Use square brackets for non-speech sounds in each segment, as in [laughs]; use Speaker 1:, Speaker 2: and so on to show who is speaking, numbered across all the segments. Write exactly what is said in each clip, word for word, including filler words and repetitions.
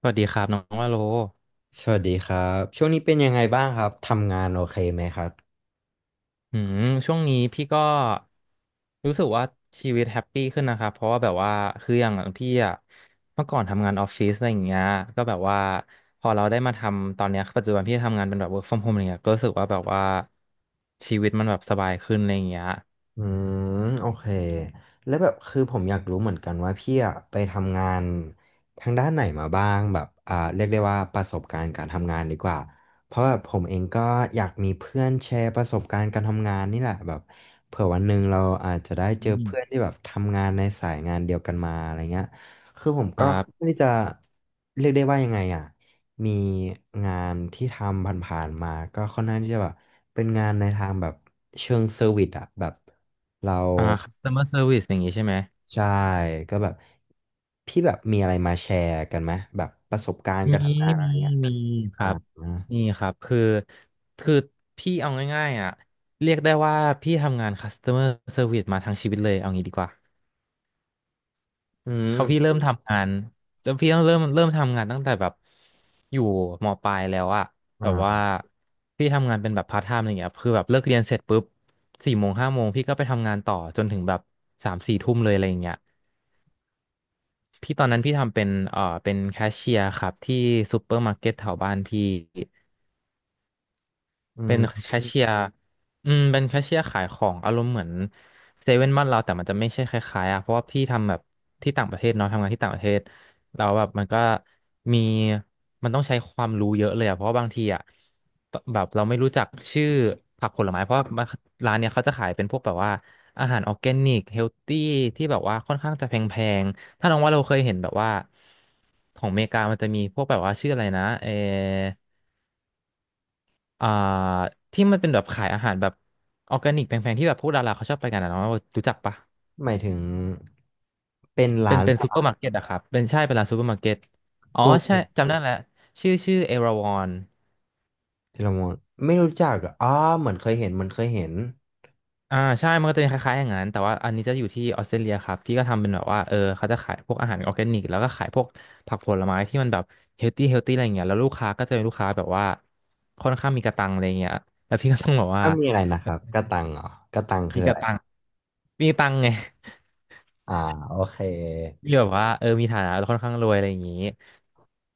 Speaker 1: สวัสดีครับน้องว่าโล
Speaker 2: สวัสดีครับช่วงนี้เป็นยังไงบ้างครับทำงานโอเคไหมครับ
Speaker 1: อืมช่วงนี้พี่ก็รู้สึกว่าชีวิตแฮปปี้ขึ้นนะครับเพราะว่าแบบว่าคืออย่างพี่อะเมื่อก่อนทำงานออฟฟิศอะไรอย่างเงี้ยก็แบบว่าพอเราได้มาทำตอนเนี้ยปัจจุบันพี่ทำงานเป็นแบบ work from home อะไรเงี้ยก็รู้สึกว่าแบบว่าชีวิตมันแบบสบายขึ้นอะไรอย่างเงี้ย
Speaker 2: อืมโอเคแล้วแบบคือผมอยากรู้เหมือนกันว่าพี่อะไปทำงานทางด้านไหนมาบ้างแบบอ่าเรียกได้ว่าประสบการณ์การทำงานดีกว่าเพราะแบบผมเองก็อยากมีเพื่อนแชร์ประสบการณ์การทำงานนี่แหละแบบเผื่อวันหนึ่งเราอาจจะได้เจ
Speaker 1: อื
Speaker 2: อ
Speaker 1: ม
Speaker 2: เพื่อนที่แบบทำงานในสายงานเดียวกันมาอะไรเงี้ยคือผม
Speaker 1: ค
Speaker 2: ก็
Speaker 1: รั
Speaker 2: ไม่
Speaker 1: บ
Speaker 2: ได้จะเรียกได้ว่ายังไงอ่ะ มีงานที่ทำผ่านๆมาก็ค่อนข้างที่จะแบบเป็นงานในทางแบบเชิงเซอร์วิสอะแบบเรา
Speaker 1: อ่า customer service อย่างงี้ใช่ไหม
Speaker 2: ใช่ก็แบบพี่แบบมีอะไรมาแชร์กันไหมแบบประสบการณ์
Speaker 1: มี
Speaker 2: การทำงานอะ
Speaker 1: มี
Speaker 2: ไรเงี้ย
Speaker 1: มีค
Speaker 2: อ่า
Speaker 1: รับมีครับคือคือพี่เอาง่ายๆอ่ะเรียกได้ว่าพี่ทำงาน customer service มอร์เซอร์วิสมาทั้งชีวิตเลยเอางี้ดีกว่า
Speaker 2: อื
Speaker 1: เขาพี่เริ่
Speaker 2: ม
Speaker 1: มทำงานจะพี่ต้องเริ่มเริ่มทำงานตั้งแต่แบบอยู่มปลายแล้วอะแบบว่า
Speaker 2: อ่า
Speaker 1: พี่ทำงานเป็นแบบพาร์ทไทม์อะไรเงี้ยคือแบบเลิกเรียนเสร็จปุ๊บสี่โมงห้าโมงพี่ก็ไปทำงานต่อจนถึงแบบสามสี่ทุ่มเลยอะไรอย่างเงี้ยพี่ตอนนั้นพี่ทำเป็นเอ่อเป็นแคชเชียร์ครับที่ซูเปอร์มาร์เก็ตแถวบ้านพี่
Speaker 2: อื
Speaker 1: เป็น
Speaker 2: ม
Speaker 1: แคชเชียร์อืมเป็นแคชเชียร์ขายของอารมณ์เหมือนเซเว่นบ้านเราแต่มันจะไม่ใช่คล้ายๆอ่ะเพราะว่าพี่ทำแบบที่ต่างประเทศเนาะทำงานที่ต่างประเทศเราแล้วแบบมันก็มีมันต้องใช้ความรู้เยอะเลยอ่ะเพราะว่าบางทีอ่ะตแบบเราไม่รู้จักชื่อผักผลไม้เพราะว่าร้านเนี้ยเขาจะขายเป็นพวกแบบว่าอาหารออร์แกนิกเฮลตี้ที่แบบว่าค่อนข้างจะแพงๆถ้าน้องว่าเราเคยเห็นแบบว่าของอเมริกามันจะมีพวกแบบว่าชื่ออะไรนะเออ อ่าที่มันเป็นแบบขายอาหารแบบออร์แกนิกแพงๆที่แบบพวกดาราเขาชอบไปกันอะเนาะรู้จักปะ
Speaker 2: หมายถึงเป็น
Speaker 1: เป็
Speaker 2: ร้า
Speaker 1: น
Speaker 2: น
Speaker 1: เป็น
Speaker 2: ส
Speaker 1: ซูเปอ
Speaker 2: ลั
Speaker 1: ร์
Speaker 2: ด
Speaker 1: มาร์เก็ตอะครับเป็นใช่เป็นร้านซูเปอร์มาร์เก็ตอ๋อ
Speaker 2: โก้
Speaker 1: ใช่
Speaker 2: เนี่ย
Speaker 1: จำได้แล้วชื่อชื่อเอราวอน
Speaker 2: ที่เรามองไม่รู้จักเหรออ๋อเหมือนเคยเห็นเหมันเคยเห็น
Speaker 1: อ่าใช่มันก็จะเป็นคล้ายๆอย่างนั้นแต่ว่าอันนี้จะอยู่ที่ออสเตรเลียครับพี่ก็ทำเป็นแบบว่าเออเขาจะขายพวกอาหารออร์แกนิกแล้วก็ขายพวกผักผลไม้ที่มันแบบเฮลตี้เฮลตี้อะไรอย่างเงี้ยแล้วลูกค้าก็จะเป็นลูกค้าแบบว่าค่อนข้างมีกระตังอะไรอย่างเงี้ยแล้วพี่ก็ต้องแบบว่า
Speaker 2: อ้าวมีอะไรนะครับกระตังเหรอกระตังคื
Speaker 1: มี
Speaker 2: อ
Speaker 1: ก
Speaker 2: อะ
Speaker 1: ระ
Speaker 2: ไร
Speaker 1: ตังมีตังไง
Speaker 2: อ่าโอเค
Speaker 1: ที่แบบว่าเออมีฐานะค่อนข้างรวยอะไรอย่างนี้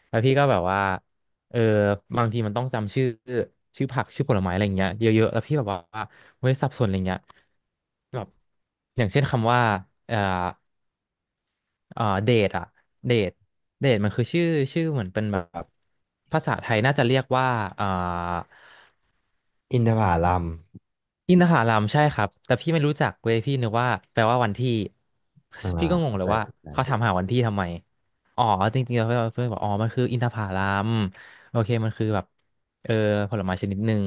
Speaker 1: แล้วพี่ก็แบบว่าเออบางทีมันต้องจำชื่อชื่อผักชื่อผลไม้อะไรอย่างเงี้ยเยอะๆแล้วพี่แบบว่าเว้ยสับสนอะไรเงี้ยแบบอย่างเช่นคำว่าเอ่อเอ่อเดทอะเดทเดทมันคือชื่อชื่อเหมือนเป็นแบบภาษาไทยน่าจะเรียกว่าเอ่อ
Speaker 2: อินทผลัม
Speaker 1: อินทผลัมใช่ครับแต่พี่ไม่รู้จักเว้ยพี่นึกว่าแปลว่าวันที่
Speaker 2: อ่า
Speaker 1: พี่ก็งง
Speaker 2: เข้า
Speaker 1: เล
Speaker 2: ใจ
Speaker 1: ยว่า
Speaker 2: เข้าใจ
Speaker 1: เขาถามหาวันที่ทำไมอ๋อจริงๆแล้วเพื่อนเพื่อนบอกอ๋อมันคืออินทผลัมโอเคมันคือแบบเออผลไม้ชนิดหนึ่ง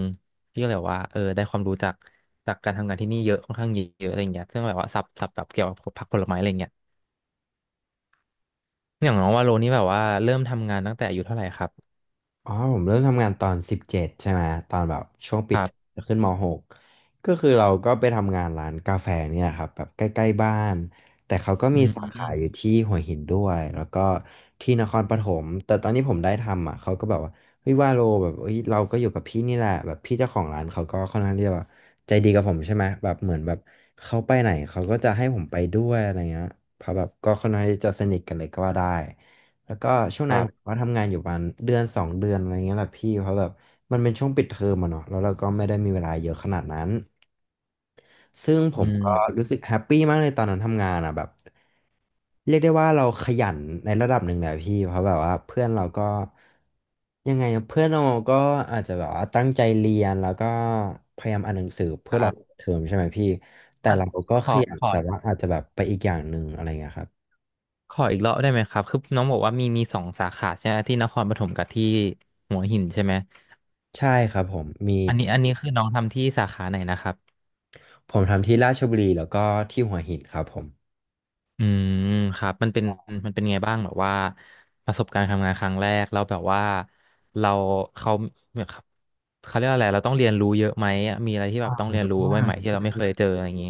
Speaker 1: พี่ก็เลยบอกว่าเออได้ความรู้จากจากการทำงานที่นี่เยอะค่อนข้างเยอะอะไรอย่างเงี้ยซึ่งแบบว่าสับสับแบบเกี่ยวกับผักผลไม้อะไรอย่างเงี้ยอย่างน้องว่าโลนี่แบบว่าเริ่มทำงานตั้งแต่อายุเท่าไหร่ครับ
Speaker 2: อ๋อผมเริ่มทำงานตอนสิบเจ็ดใช่ไหมตอนแบบช่วง
Speaker 1: ค
Speaker 2: ปิด
Speaker 1: รับ
Speaker 2: จะขึ้นมหกก็คือเราก็ไปทำงานร้านกาแฟเนี่ยครับแบบใกล้ๆบ้านแต่เขาก็
Speaker 1: อื
Speaker 2: มีสาขาอยู่
Speaker 1: ม
Speaker 2: ที่หัวหินด้วยแล้วก็ที่นครปฐมแต่ตอนที่ผมได้ทำอ่ะเขาก็แบบว่าเฮ้ยว่าโลแบบเฮ้ยเราก็อยู่กับพี่นี่แหละแบบพี่เจ้าของร้านเขาก็ค่อนข้างที่จะแบบใจดีกับผมใช่ไหมแบบเหมือนแบบเขาไปไหนเขาก็จะให้ผมไปด้วยอะไรเงี้ยเพราะแบบก็ค่อนข้างที่จะสนิทกันเลยก็ว่าได้ แล้วก็ช่วง
Speaker 1: ค
Speaker 2: นั้น
Speaker 1: รั
Speaker 2: ผม
Speaker 1: บ
Speaker 2: ก็ทำงานอยู่ประมาณเดือนสองเดือนอะไรเงี้ยแหละพี่เพราะแบบมันเป็นช่วงปิดเทอมอะเนาะแล้วเราก็ไม่ได้มีเวลาเยอะขนาดนั้นซึ่งผ
Speaker 1: อื
Speaker 2: มก็
Speaker 1: ม
Speaker 2: รู้สึกแฮปปี้มากเลยตอนนั้นทำงานอะแบบเรียกได้ว่าเราขยันในระดับหนึ่งแหละพี่เพราะแบบว่าเพื่อนเราก็ยังไงอะเพื่อนเราก็อาจจะแบบว่าตั้งใจเรียนแล้วก็พยายามอ่านหนังสือเพื่
Speaker 1: ค
Speaker 2: อร
Speaker 1: รั
Speaker 2: อ
Speaker 1: บ
Speaker 2: เทอมใช่ไหมพี่แต่
Speaker 1: อ่ะ
Speaker 2: เราก็
Speaker 1: ข
Speaker 2: ข
Speaker 1: อ
Speaker 2: ยัน
Speaker 1: ขอ
Speaker 2: แต่ว่าอาจจะแบบไปอีกอย่างหนึ่งอะไรเงี้ยครับ
Speaker 1: ขออีกรอบได้ไหมครับคือน้องบอกว่ามีมีสองสาขาใช่ไหมที่นครปฐมกับที่หัวหินใช่ไหม
Speaker 2: ใช่ครับผม
Speaker 1: อันนี้อันนี้คือน้องทำที่สาขาไหนนะครับ
Speaker 2: ผมทำที่ราชบุรีแล้วก็ที่หัวหินครับผม
Speaker 1: อืมครับมันเป็นมันเป็นไงบ้างแบบว่าประสบการณ์ทำงานครั้งแรกเราแล้วแบบว่าเราเขาเนี่ยครับเขาเรียกอะไรเราต้องเรียนรู้เยอะไหมมีอะไรที่แบบต้องเรียนรู้
Speaker 2: อ่
Speaker 1: ใหม่ๆ
Speaker 2: า
Speaker 1: ที่เราไม่เคยเจออะไรอย่างนี้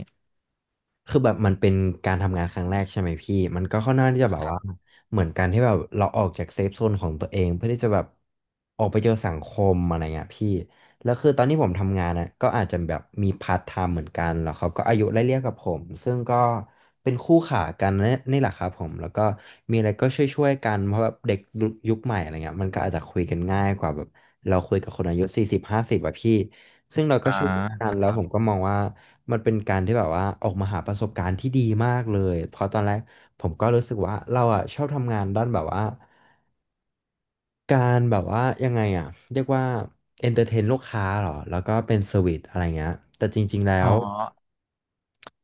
Speaker 2: คือแบบมันเป็นการทำงานครั้งแรกใช่ไหมพี่มันก็ค่อนข้างที่จะแบ
Speaker 1: ค
Speaker 2: บ
Speaker 1: รั
Speaker 2: ว่า
Speaker 1: บ
Speaker 2: เหมือนการที่แบบเราออกจากเซฟโซนของตัวเองเพื่อที่จะแบบออกไปเจอสังคมอะไรเงี้ยพี่แล้วคือตอนที่ผมทำงานนะก็อาจจะแบบมีพาร์ทไทม์เหมือนกันแล้วเขาก็อายุไล่เลี่ยกับผมซึ่งก็เป็นคู่ขากันนนี่แหละครับผมแล้วก็มีอะไรก็ช่วยๆกันเพราะแบบเด็กยุคใหม่อะไรเงี้ยมันก็อาจจะคุยกันง่ายกว่าแบบเราคุยกับคนอายุสี่สิบห้าสิบอะพี่ซึ่งเราก็
Speaker 1: อ่า
Speaker 2: ช่วยกั
Speaker 1: ค
Speaker 2: น
Speaker 1: รั
Speaker 2: แล้วผมก็
Speaker 1: บ
Speaker 2: มองว่า มันเป็นการที่แบบว่าออกมาหาประสบการณ์ที่ดีมากเลยเพราะตอนแรกผมก็รู้สึกว่าเราอ่ะชอบทำงานด้านแบบว่าการแบบว่ายังไงอ่ะเรียกว่าเอนเตอร์เทนลูกค้าเหรอแล้วก็เป็นเซอร์วิสอะไรเงี้ยแต่จริงๆแล้
Speaker 1: อ๋อ
Speaker 2: ว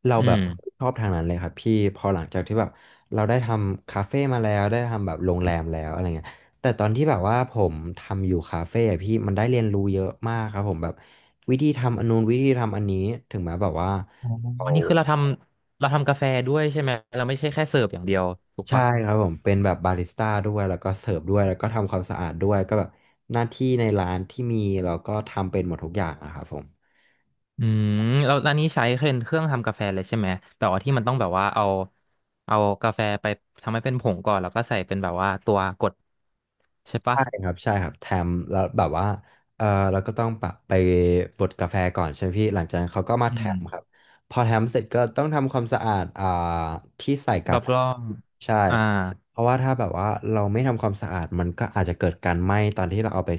Speaker 2: เรา
Speaker 1: อื
Speaker 2: แบบ
Speaker 1: ม
Speaker 2: ชอบทางนั้นเลยครับพี่พอหลังจากที่แบบเราได้ทำคาเฟ่มาแล้วได้ทำแบบโรงแรมแล้วอะไรเงี้ยแต่ตอนที่แบบว่าผมทำอยู่คาเฟ่อะพี่มันได้เรียนรู้เยอะมากครับผมแบบวิธีทำอันนู้นวิธีทำอันนี้ถึงแม้แบบว่า
Speaker 1: อ๋อ
Speaker 2: เรา
Speaker 1: วันนี้คือเราทำเราทำกาแฟด้วยใช่ไหมเราไม่ใช่แค่เสิร์ฟอย่างเดียวถูก
Speaker 2: ใช่
Speaker 1: ปะ
Speaker 2: ครับผมเป็นแบบบาริสต้าด้วยแล้วก็เสิร์ฟด้วยแล้วก็ทำความสะอาดด้วยก็แบบหน้าที่ในร้านที่มีเราก็ทำเป็นหมดทุกอย่างอะครับผม
Speaker 1: อืมแล้วอันนี้ใช้เป็นเครื่องทำกาแฟเลยใช่ไหมแบบว่าที่มันต้องแบบว่าเอาเอากาแฟไปทำให้เป็นผงก่อนแล้วก็ใส่เป็นแบบว่าตัวกดใช่ปะ
Speaker 2: ใช่ครับใช่ครับแถมแล้วแบบว่าเออเราก็ต้องแบไปบดกาแฟก่อนใช่ไหมพี่หลังจากนั้นเขาก็มา
Speaker 1: อื
Speaker 2: แถ
Speaker 1: ม
Speaker 2: มครับพอแถมเสร็จก็ต้องทำความสะอาดอ่าที่ใส่
Speaker 1: ร
Speaker 2: กา
Speaker 1: อบ
Speaker 2: แฟ
Speaker 1: ร่อง
Speaker 2: ใช่
Speaker 1: อ่า
Speaker 2: เพราะว่าถ้าแบบว่าเราไม่ทำความสะอาดมันก็อาจจะเกิดการไหม้ตอนที่เราเอาไป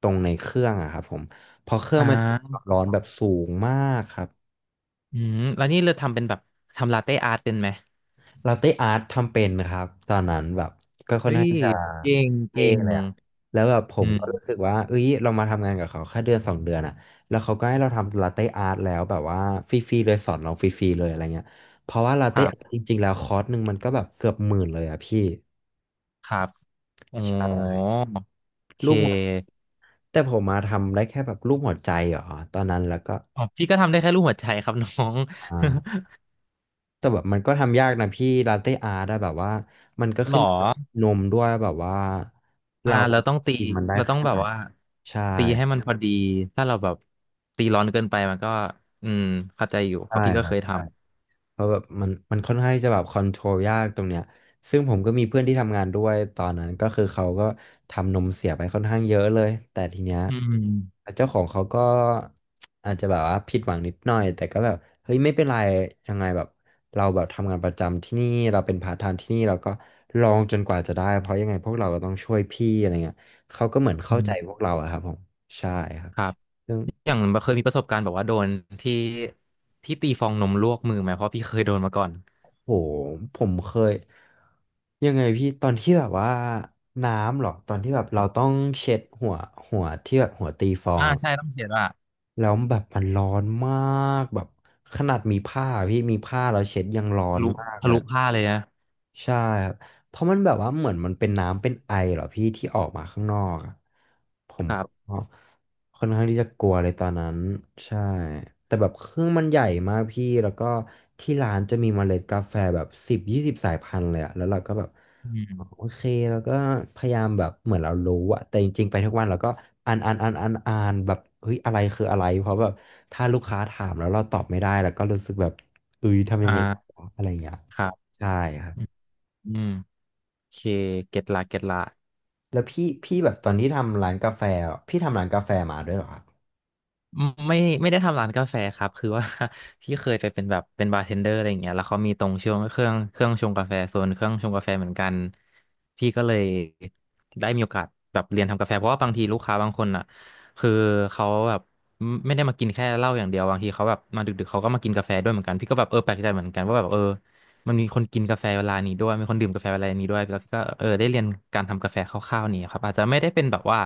Speaker 2: ตรงในเครื่องอะครับผมเพอเครื่อ
Speaker 1: อ่
Speaker 2: งมัน
Speaker 1: า
Speaker 2: ร้อนแบบสูงมากครับ
Speaker 1: อืมแล้วนี่เราทำเป็นแบบทำลาเต้อาร์ตเป็นไหม
Speaker 2: ลาเต้อาร์ตทำเป็นนะครับตอนนั้นแบบ
Speaker 1: เฮ้
Speaker 2: น่า
Speaker 1: ย
Speaker 2: จะ
Speaker 1: เก่ง
Speaker 2: เท่
Speaker 1: เก่ง
Speaker 2: เลยอะแล้วแบบผ
Speaker 1: อื
Speaker 2: ม
Speaker 1: ม
Speaker 2: ก็รู้สึกว่าเอ้ยเรามาทำงานกับเขาแค่เดือนสองเดือนอะแล้วเขาก็ให้เราทำลาเต้อาร์ตแล้วแบบว่าฟรีๆเลยสอนเราฟรีๆเลยอะไรเงี้ยเพราะว่าลา
Speaker 1: ค
Speaker 2: เต้
Speaker 1: รั
Speaker 2: อาร์ตจ
Speaker 1: บ
Speaker 2: ริงๆแล้วคอร์สหนึ่งมันก็แบบเกือบหมื่นเลยอะพี่
Speaker 1: ครับโอ้
Speaker 2: ใช่
Speaker 1: โอเค
Speaker 2: รูปหัวแต่ผมมาทำได้แค่แบบรูปหัวใจเหรอตอนนั้นแล้วก็
Speaker 1: อ๋อพี่ก็ทำได้แค่รูปหัวใจครับ [laughs] น้อง
Speaker 2: อ่าแต่แบบมันก็ทำยากนะพี่ลาเต้อาร์ตอะแบบว่ามันก็
Speaker 1: [laughs] หร
Speaker 2: ขึ้
Speaker 1: อ
Speaker 2: นอยู่กับนมด้วยแบบว่า
Speaker 1: อ่า
Speaker 2: เรา
Speaker 1: เราต้องตี
Speaker 2: กินมันได้
Speaker 1: เราต้อ
Speaker 2: แค่
Speaker 1: งแบ
Speaker 2: ไหน
Speaker 1: บว่า
Speaker 2: ใช่
Speaker 1: ตีให้มันพอดีถ้าเราแบบตีร้อนเกินไปมันก็อืมเข้าใจอยู่เพ
Speaker 2: ใช่
Speaker 1: ราะพี่ก็
Speaker 2: ครั
Speaker 1: เค
Speaker 2: บ
Speaker 1: ยท
Speaker 2: เพราะแบบมันมันค่อนข้างที่จะแบบคอนโทรลยากตรงเนี้ยซึ่งผมก็มีเพื่อนที่ทำงานด้วยตอนนั้นก็คือเขาก็ทำนมเสียไปค่อนข้างเยอะเลยแต่ทีเนี้ย
Speaker 1: ำอืม
Speaker 2: เจ้าของเขาก็ [tsk] อาจจะแบบว่าผิดหวังนิดหน่อยแต่ก็แบบเฮ้ยไม่เป็นไรยังไงแบบเราแบบทำงานประจำที่นี่เราเป็นพาร์ทไทม์ที่นี่เราก็ลองจนกว่าจะได้เพราะยังไงพวกเราก็ต้องช่วยพี่อะไรเงี้ยเขาก็เหมือน
Speaker 1: อื
Speaker 2: เข้าใจ
Speaker 1: ม
Speaker 2: พวกเราอะครับผมใช่ครับ
Speaker 1: ครับอย่างเคยมีประสบการณ์แบบว่าโดนที่ที่ตีฟองนมลวกมือไหมเพราะพี่เคยโดนมาก่อน
Speaker 2: โหผมเคยยังไงพี่ตอนที่แบบว่าน้ำเหรอตอนที่แบบเราต้องเช็ดหัวหัวที่แบบหัวตีฟอง
Speaker 1: อ่า
Speaker 2: อะ
Speaker 1: ใช่ต้องเสียดว่า
Speaker 2: แล้วแบบมันร้อนมากแบบขนาดมีผ้าพี่มีผ้าเราเช็ดยังร้อ
Speaker 1: ทะ
Speaker 2: น
Speaker 1: ลุ
Speaker 2: มาก
Speaker 1: ทะ
Speaker 2: เลย
Speaker 1: ลุผ้าเลยนะ
Speaker 2: ใช่ครับเพราะมันแบบว่าเหมือนมันเป็นน้ำเป็นไอเหรอพี่ที่ออกมาข้างนอกอะผม
Speaker 1: ครั
Speaker 2: ก็
Speaker 1: บ
Speaker 2: ค่อนข้างที่จะกลัวเลยตอนนั้นใช่แต่แบบเครื่องมันใหญ่มากพี่แล้วก็ที่ร้านจะมีเมล็ดกาแฟแบบสิบยี่สิบสายพันธุ์เลยอะแล้วเราก็แบบ
Speaker 1: อื
Speaker 2: อ๋อ
Speaker 1: ม
Speaker 2: โอเคแล้วก็พยายามแบบเหมือนเรารู้อะแต่จริงๆไปทุกวันเราก็อ่านอ่านอ่านอ่านอ่านแบบเฮ้ยอะไรคืออะไรเพราะแบบถ้าลูกค้าถามแล้วเราตอบไม่ได้แล้วก็รู้สึกแบบเอ้ยทำยั
Speaker 1: อ่
Speaker 2: งไง
Speaker 1: า
Speaker 2: วะอะไรอย่างเงี้ย
Speaker 1: ครับ
Speaker 2: ใช่ครับ
Speaker 1: อืมโอเคเก็ตละเก็ตละ
Speaker 2: แล้วพี่พี่แบบตอนที่ทำร้านกาแฟอะพี่ทำร้านกาแฟมาด้วยเหรอครับ
Speaker 1: ไม่ไม่ได้ทำร้านกาแฟครับคือว่า [laughs] ที่เคยไปเป็นแบบเป็นบาร์เทนเดอร์อะไรอย่างเงี้ยแล้วเขามีตรงช่วงเครื่องเครื่องชงกาแฟโซนเครื่องชงกาแฟเหมือนกันพี่ก็เลยได้มีโอกาสแบบเรียนทำกาแฟเพราะว่าบางทีลูกค้าบางคนอ่ะคือเขาแบบไม่ไม่ได้มากินแค่เหล้าอย่างเดียวบางทีเขาแบบมาดึกๆเขาก็มากินกาแฟด้วยเหมือนกันพี่ก็แบบเออแปลกใจเหมือนกันว่าแบบเออ มันมีคนกินกาแฟเวลานี้ด้วยมีคนดื่มกาแฟเวลานี้ด้วยแล้วก็เออได้เรียนการทำกาแฟคร่าวๆนี่ครับอาจจะไม่ได้เป็นแบบว่า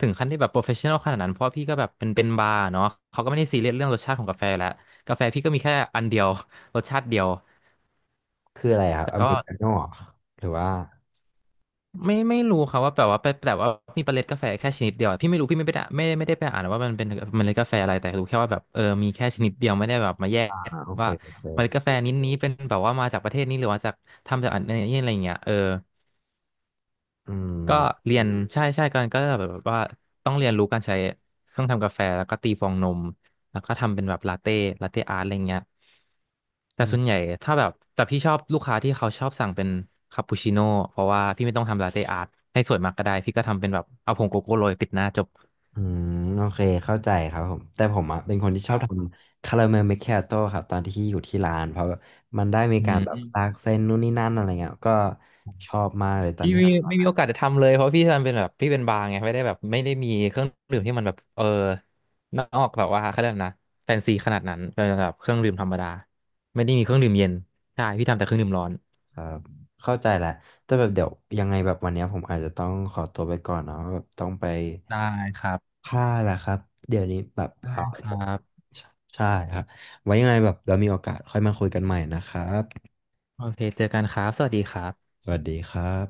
Speaker 1: ถึงขั้นที่แบบโปรเฟชชั่นอลขนาดนั้นเพราะว่าพี่ก็แบบเป็นเป็นบาร์เนาะเขาก็ไม่ได้ซีเรียสเรื่องรสชาติของกาแฟแล้วกาแฟพี่ก็มีแค่อันเดียว [laughs] รสชาติเดียว
Speaker 2: คืออะไรครับ
Speaker 1: แต่
Speaker 2: อเม
Speaker 1: ก็
Speaker 2: ริกาโน่เหรอหรือว่า
Speaker 1: ไม่ไม่รู้ครับว่าแบบว่าไปแต่ว่ามีเมล็ดกาแฟแค่ชนิดเดียวพี่ไม่รู้พี่ไม่ได้ไม่ไม่ได้ไปอ่านว่ามันเป็นเมล็ดกาแฟอะไรแต่รู้แค่ว่าแบบเออมีแค่ชนิดเดียวไม่ได้แบบมาแย
Speaker 2: อ่า
Speaker 1: ก
Speaker 2: โอเค
Speaker 1: ว่า
Speaker 2: โอเค
Speaker 1: เมล็ดกาแฟนี้นี้เป็นแบบว่ามาจากประเทศนี้หรือว่าจากทำจากอันนี้อะไรอย่างเงี้ยเออ
Speaker 2: อื
Speaker 1: ก็
Speaker 2: ม
Speaker 1: เรียนใช่ใช่กันก็แบบว่าต้องเรียนรู้การใช้เครื่องทำกาแฟแล้วก็ตีฟองนมแล้วก็ทำเป็นแบบลาเต้ลาเต้อาร์ตอะไรเงี้ยแต่
Speaker 2: อื
Speaker 1: ส่วนให
Speaker 2: ม
Speaker 1: ญ่ถ้าแบบแต่พี่ชอบลูกค้าที่เขาชอบสั่งเป็นคาปูชิโน่เพราะว่าพี่ไม่ต้องทำลาเต้อาร์ตให้สวยมากก็ได้พี่ก็ทำเป็นแบบเอาผงโกโก้โรยปิดหน้าจบ
Speaker 2: อืมโอเคเข้าใจครับผมแต่ผมอ่ะเป็นคนที่ช
Speaker 1: ค
Speaker 2: อบ
Speaker 1: รั
Speaker 2: ท
Speaker 1: บ
Speaker 2: ำคาราเมลเมคคิอาโต้ครับตอนที่อยู่ที่ร้านเพราะแมันได้มี
Speaker 1: อื
Speaker 2: การแบบ
Speaker 1: ม
Speaker 2: ลากเส้นนู่นนี่นั่นอะไรเงี้ยก็ชอบมากเลยตอนที่ทำ
Speaker 1: มีโอกาสจะทำเลยเพราะพี่มันเป็นแบบพี่เป็นบาร์ไงไม่ได้แบบไม่ได้มีเครื่องดื่มที่มันแบบเออนอกแบบว่าเขาเรียกอะไรนะแฟนซีขนาดนั้นเป็นแบบเครื่องดื่มธรรมดาไม่ได้มีเครื่องดื่มเย็นใช่พี่ทำแต่เครื่องดื่มร้อน
Speaker 2: ครับเข้าใจแหละแต่แบบเดี๋ยวยังไงแบบวันเนี้ยผมอาจจะต้องขอตัวไปก่อนเนาะแบบต้องไป
Speaker 1: ได้ครับ
Speaker 2: ผ้าแหละครับเดี๋ยวนี้แบบ
Speaker 1: ได้
Speaker 2: เอ่อ
Speaker 1: ครับ
Speaker 2: ใช่ครับไว้ยังไงแบบเรามีโอกาสค่อยมาคุยกันใหม่นะครับ
Speaker 1: โอเคเจอกันครับสวัสดีครับ
Speaker 2: สวัสดีครับ